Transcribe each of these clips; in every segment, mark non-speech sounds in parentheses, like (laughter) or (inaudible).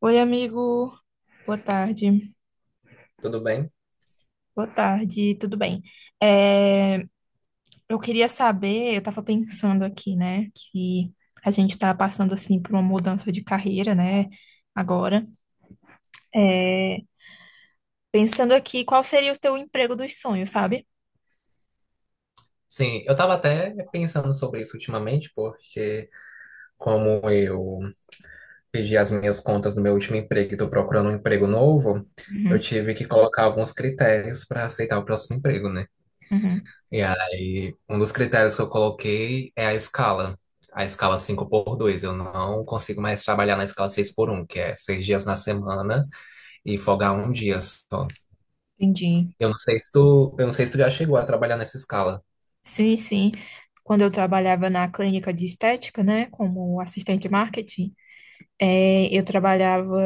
Oi, amigo. Boa tarde. Tudo bem? Boa tarde, tudo bem? É, eu queria saber, eu tava pensando aqui, né, que a gente tá passando, assim, por uma mudança de carreira, né, agora. É, pensando aqui, qual seria o teu emprego dos sonhos, sabe? Sim, eu estava até pensando sobre isso ultimamente, porque como eu pedi as minhas contas do meu último emprego e estou procurando um emprego novo, eu Uhum. tive que colocar alguns critérios para aceitar o próximo emprego, né? Uhum, E aí, um dos critérios que eu coloquei é a escala 5 por dois. Eu não consigo mais trabalhar na escala 6 por um, que é 6 dias na semana e folgar um dia só. entendi. Eu não sei se tu já chegou a trabalhar nessa escala. Sim, sim. Quando eu trabalhava na clínica de estética, né, como assistente de marketing, eu trabalhava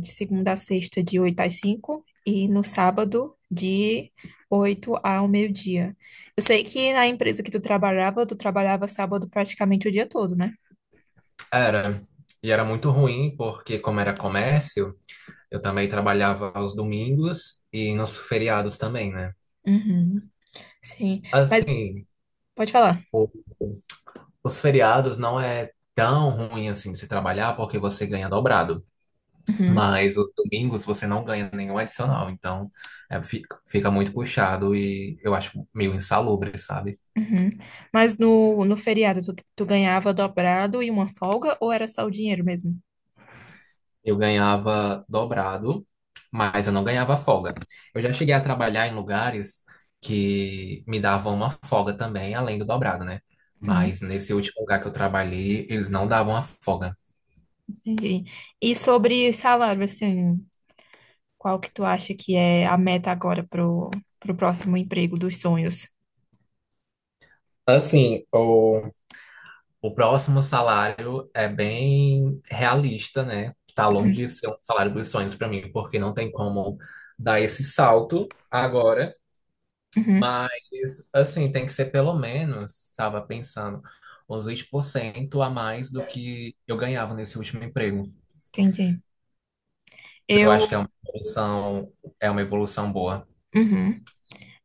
de segunda a sexta, de 8 às 5 e no sábado, de 8 ao meio-dia. Eu sei que na empresa que tu trabalhava sábado praticamente o dia todo, né? Era. E era muito ruim, porque como era comércio, eu também trabalhava aos domingos e nos feriados também, né? Uhum, sim. Mas Assim, pode falar. o- os feriados não é tão ruim assim se trabalhar, porque você ganha dobrado. Uhum. Mas os domingos você não ganha nenhum adicional, então fica muito puxado e eu acho meio insalubre, sabe? Uhum. Mas no feriado, tu ganhava dobrado e uma folga, ou era só o dinheiro mesmo? Eu ganhava dobrado, mas eu não ganhava folga. Eu já cheguei a trabalhar em lugares que me davam uma folga também, além do dobrado, né? Uhum, Mas nesse último lugar que eu trabalhei, eles não davam a folga. entendi. E sobre salário, assim, qual que tu acha que é a meta agora pro próximo emprego dos sonhos? Assim, o... o próximo salário é bem realista, né? Tá longe Uhum. de ser um salário dos sonhos para mim, porque não tem como dar esse salto agora. Uhum, Mas, assim, tem que ser pelo menos, estava pensando, uns 20% a mais do que eu ganhava nesse último emprego. entendi. Que Eu acho que Eu, é uma evolução boa. uhum,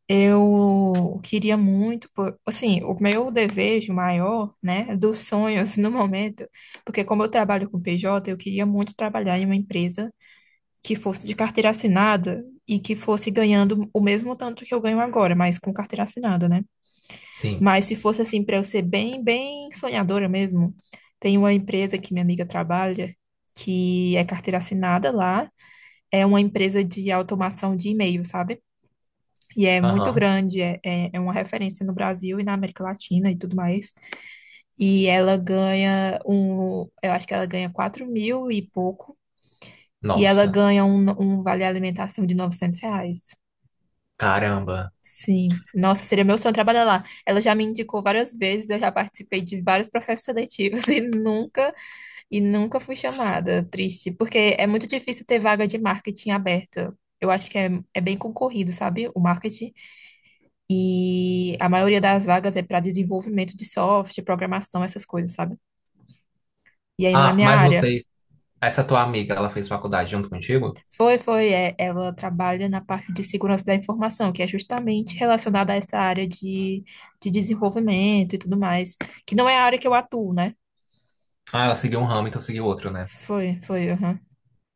eu queria muito, pô- assim, o meu desejo maior, né, dos sonhos (laughs) no momento, porque como eu trabalho com PJ, eu queria muito trabalhar em uma empresa que fosse de carteira assinada e que fosse ganhando o mesmo tanto que eu ganho agora, mas com carteira assinada, né? Sim. Mas se fosse assim, para eu ser bem, bem sonhadora mesmo, tem uma empresa que minha amiga trabalha, que é carteira assinada lá. É uma empresa de automação de e-mail, sabe? E é muito Aham. grande, é uma referência no Brasil e na América Latina e tudo mais. E ela ganha um, eu acho que ela ganha 4 mil e pouco, e ela Nossa. ganha um, um vale alimentação de R$ 900. Caramba. Sim, nossa, seria meu sonho trabalhar lá. Ela já me indicou várias vezes, eu já participei de vários processos seletivos (laughs) e nunca fui chamada. Triste, porque é muito difícil ter vaga de marketing aberta. Eu acho que é, é bem concorrido, sabe? O marketing. E a maioria das vagas é para desenvolvimento de software, programação, essas coisas, sabe? E aí não é Ah, minha mas área. Essa tua amiga, ela fez faculdade junto contigo? Foi, foi, é, ela trabalha na parte de segurança da informação, que é justamente relacionada a essa área de desenvolvimento e tudo mais, que não é a área que eu atuo, né? Ah, ela seguiu um ramo, então seguiu outro, né? Foi, foi, aham.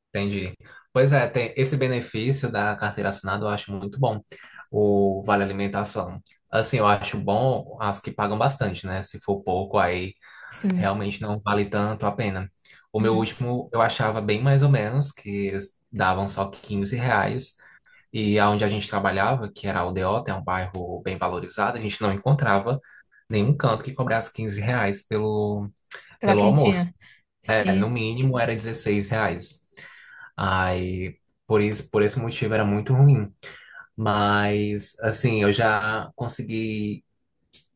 Entendi. Pois é, tem esse benefício da carteira assinada, eu acho muito bom. O vale alimentação. Assim, eu acho bom as que pagam bastante, né? Se for pouco, aí Sim. realmente não vale tanto a pena. O meu Uhum. último eu achava bem mais ou menos, que eles davam só R$ 15. E aonde a gente trabalhava, que era a Aldeota, é um bairro bem valorizado, a gente não encontrava nenhum canto que cobrasse R$ 15 pelo, Pela pelo almoço. quentinha. É, no Sim. mínimo era R$ 16. Aí, por isso, por esse motivo era muito ruim. Mas, assim, eu já consegui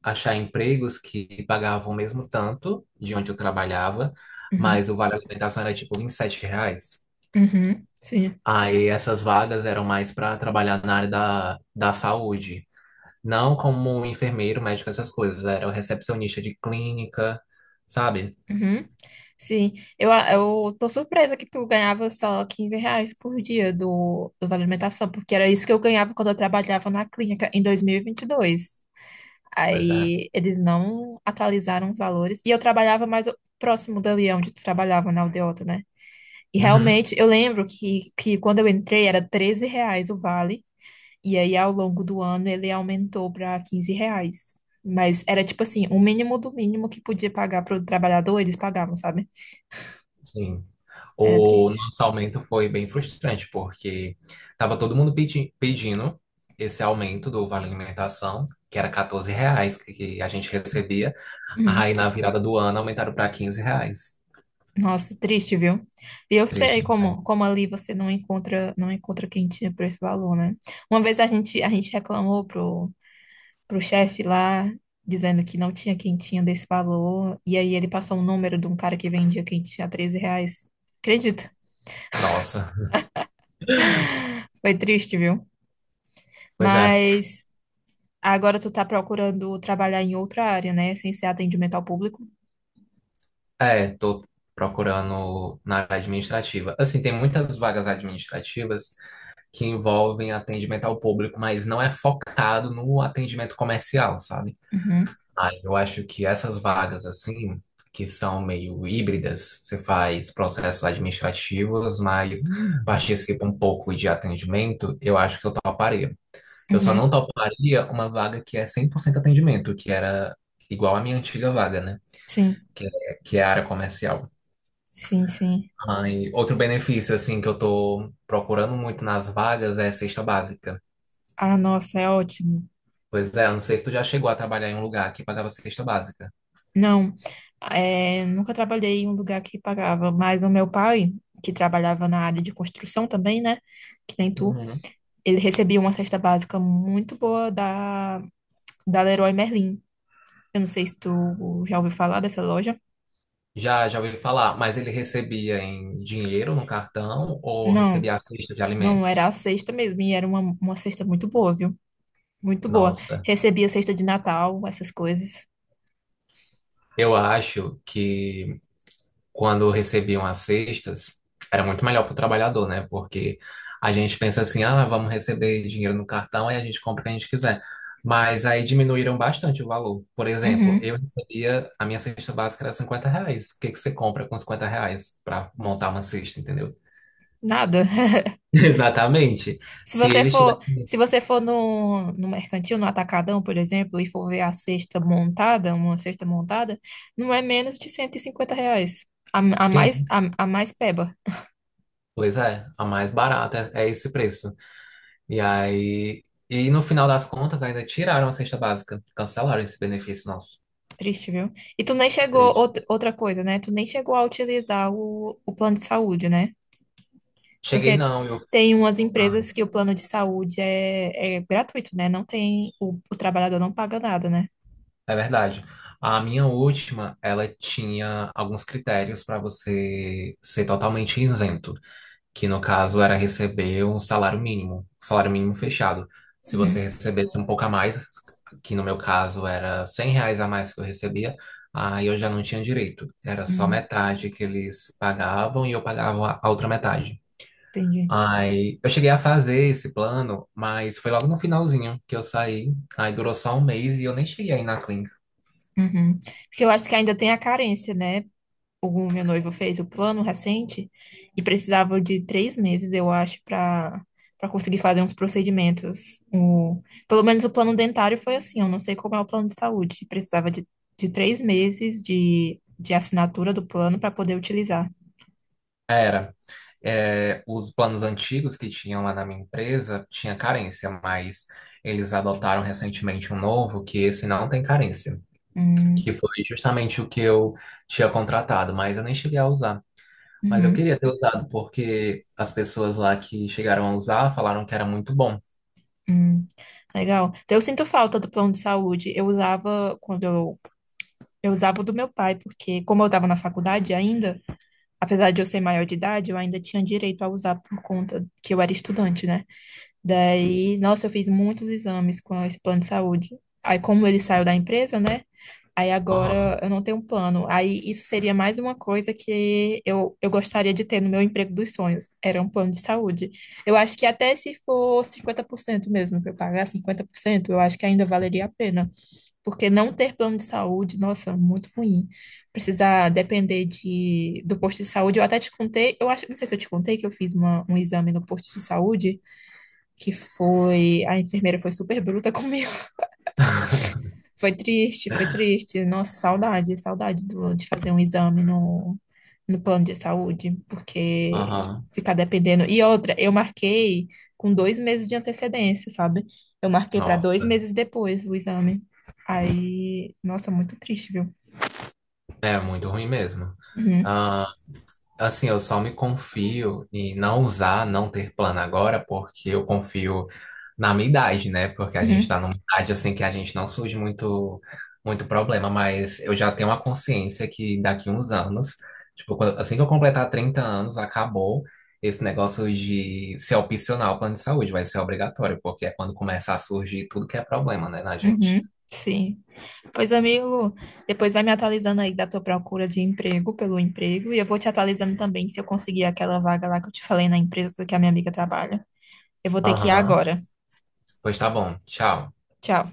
achar empregos que pagavam o mesmo tanto de onde eu trabalhava, Uhum. mas o vale alimentação era tipo R$ 27. Uhum. Sim. Aí essas vagas eram mais para trabalhar na área da saúde, não como enfermeiro, médico, essas coisas. Era o recepcionista de clínica, sabe? Uhum. Sim, a- eu tô surpresa que tu ganhava só 15 reais por dia do, do Vale Alimentação, porque era isso que eu ganhava quando eu trabalhava na clínica em dois mil e vinte e dois. Pois é. Aí eles não atualizaram os valores e eu trabalhava mais o- próximo dali onde tu trabalhava, na Aldeota, né? E Uhum, realmente eu lembro que quando eu entrei era 13 reais o vale, e aí ao longo do ano ele aumentou para 15 reais. Mas era tipo assim, o mínimo do mínimo que podia pagar pro trabalhador, eles pagavam, sabe? sim. Era O triste. nosso aumento foi bem frustrante, porque tava todo mundo pedindo esse aumento do vale alimentação, que era R$ 14 que a gente recebia. Uhum. Aí na virada do ano aumentaram para R$ 15. Nossa, triste, viu? E eu sei Triste, né? como, como ali você não encontra, não encontra quentinha por esse valor, né? Uma vez a gente reclamou pro chefe lá, dizendo que não tinha quentinha desse valor, e aí ele passou um número de um cara que vendia quentinha a 13 reais. Acredito. Nossa. Foi triste, viu? Pois é. Mas agora tu tá procurando trabalhar em outra área, né? Sem ser atendimento ao público. É, tô procurando na área administrativa. Assim, tem muitas vagas administrativas que envolvem atendimento ao público, mas não é focado no atendimento comercial, sabe? Uhum. Aí eu acho que essas vagas, assim, que são meio híbridas, você faz processos administrativos, mas participa um pouco de atendimento, eu acho que eu toparia. Eu só não Uhum, toparia uma vaga que é 100% atendimento, que era igual à minha antiga vaga, né? sim, Que é a área comercial. sim, sim. Ah, e outro benefício, assim, que eu tô procurando muito nas vagas é cesta básica. Ah, nossa, é ótimo. Pois é, eu não sei se tu já chegou a trabalhar em um lugar que pagava cesta básica. Não, é, nunca trabalhei em um lugar que pagava, mas o meu pai, que trabalhava na área de construção também, né? Que nem tu, Uhum. ele recebia uma cesta básica muito boa da Leroy Merlin. Eu não sei se tu já ouviu falar dessa loja. Já, já ouvi falar, mas ele recebia em dinheiro no cartão ou Não, recebia a cesta de não, era a alimentos? cesta mesmo, e era uma cesta muito boa, viu? Muito boa. Nossa, Recebia cesta de Natal, essas coisas. eu acho que quando recebiam as cestas, era muito melhor para o trabalhador, né? Porque a gente pensa assim, ah, vamos receber dinheiro no cartão e a gente compra o que a gente quiser. Mas aí diminuíram bastante o valor. Por exemplo, Uhum, eu recebia, a minha cesta básica era R$ 50. O que que você compra com R$ 50 para montar uma cesta, entendeu? nada. (laughs) Exatamente. Se Se você eles for, tivessem. se você for no mercantil, no Atacadão, por exemplo, e for ver a cesta montada, uma cesta montada, não é menos de R$ 150. A, a mais, Sim, a mais peba. pois é, a mais barata é esse preço. E aí. E no final das contas, ainda tiraram a cesta básica, cancelaram esse benefício nosso. Triste, viu? E tu nem chegou, outra outra coisa, né? Tu nem chegou a utilizar o plano de saúde, né? Cheguei Porque não, eu... tem umas Ah, empresas que o plano de saúde é gratuito, né? Não tem, o trabalhador não paga nada, né? é verdade. A minha última, ela tinha alguns critérios para você ser totalmente isento, que no caso era receber um salário mínimo fechado. Se você Uhum. recebesse um pouco a mais, que no meu caso era R$ 100 a mais que eu recebia, aí eu já não tinha direito. Era só Uhum, metade que eles pagavam e eu pagava a outra metade. entendi. Aí eu cheguei a fazer esse plano, mas foi logo no finalzinho que eu saí. Aí durou só um mês e eu nem cheguei aí na clínica. Uhum. Porque eu acho que ainda tem a carência, né? O meu noivo fez o plano recente e precisava de 3 meses, eu acho, para para conseguir fazer uns procedimentos. O, pelo menos o plano dentário foi assim, eu não sei como é o plano de saúde. Precisava de 3 meses de assinatura do plano para poder utilizar. Era. É, os planos antigos que tinham lá na minha empresa tinha carência, mas eles adotaram recentemente um novo que esse não tem carência, Hum. que foi justamente o que eu tinha contratado, mas eu nem cheguei a usar. Mas eu Uhum. queria ter usado porque as pessoas lá que chegaram a usar falaram que era muito bom. Hum. Legal. Então, eu sinto falta do plano de saúde. Eu usava quando eu usava o do meu pai, porque como eu estava na faculdade ainda, apesar de eu ser maior de idade, eu ainda tinha direito a usar por conta que eu era estudante, né? Daí, nossa, eu fiz muitos exames com esse plano de saúde. Aí, como ele saiu da empresa, né? Aí Aham. agora eu não tenho um plano. Aí isso seria mais uma coisa que eu gostaria de ter no meu emprego dos sonhos. Era um plano de saúde. Eu acho que até se for 50% mesmo, que eu pagar 50% eu acho que ainda valeria a pena. Porque não ter plano de saúde, nossa, muito ruim. Precisar depender de, do posto de saúde. Eu até te contei, eu acho, não sei se eu te contei que eu fiz uma- um exame no posto de saúde, que foi, a enfermeira foi super bruta (laughs) comigo. (laughs) Foi triste, foi triste. Nossa, saudade, saudade do- de fazer um exame no, no plano de saúde, porque Aham. ficar dependendo. E outra, eu marquei com 2 meses de antecedência, sabe? Eu marquei para dois Nossa. meses depois o exame. Aí, nossa, muito triste, viu? É muito ruim mesmo. Uhum, Ah, assim, eu só me confio em não usar, não ter plano agora, porque eu confio na minha idade, né? Porque a gente uhum, tá numa idade assim que a gente não surge muito, muito problema, mas eu já tenho uma consciência que daqui uns anos, tipo, assim que eu completar 30 anos, acabou esse negócio de ser opcional o plano de saúde, vai ser obrigatório, porque é quando começa a surgir tudo que é problema, né, na gente. uhum, sim. Pois, amigo, depois vai me atualizando aí da tua procura de emprego, pelo emprego, e eu vou te atualizando também se eu conseguir aquela vaga lá que eu te falei na empresa que a minha amiga trabalha. Eu vou ter que ir Aham. agora. Pois tá bom, tchau. Tchau.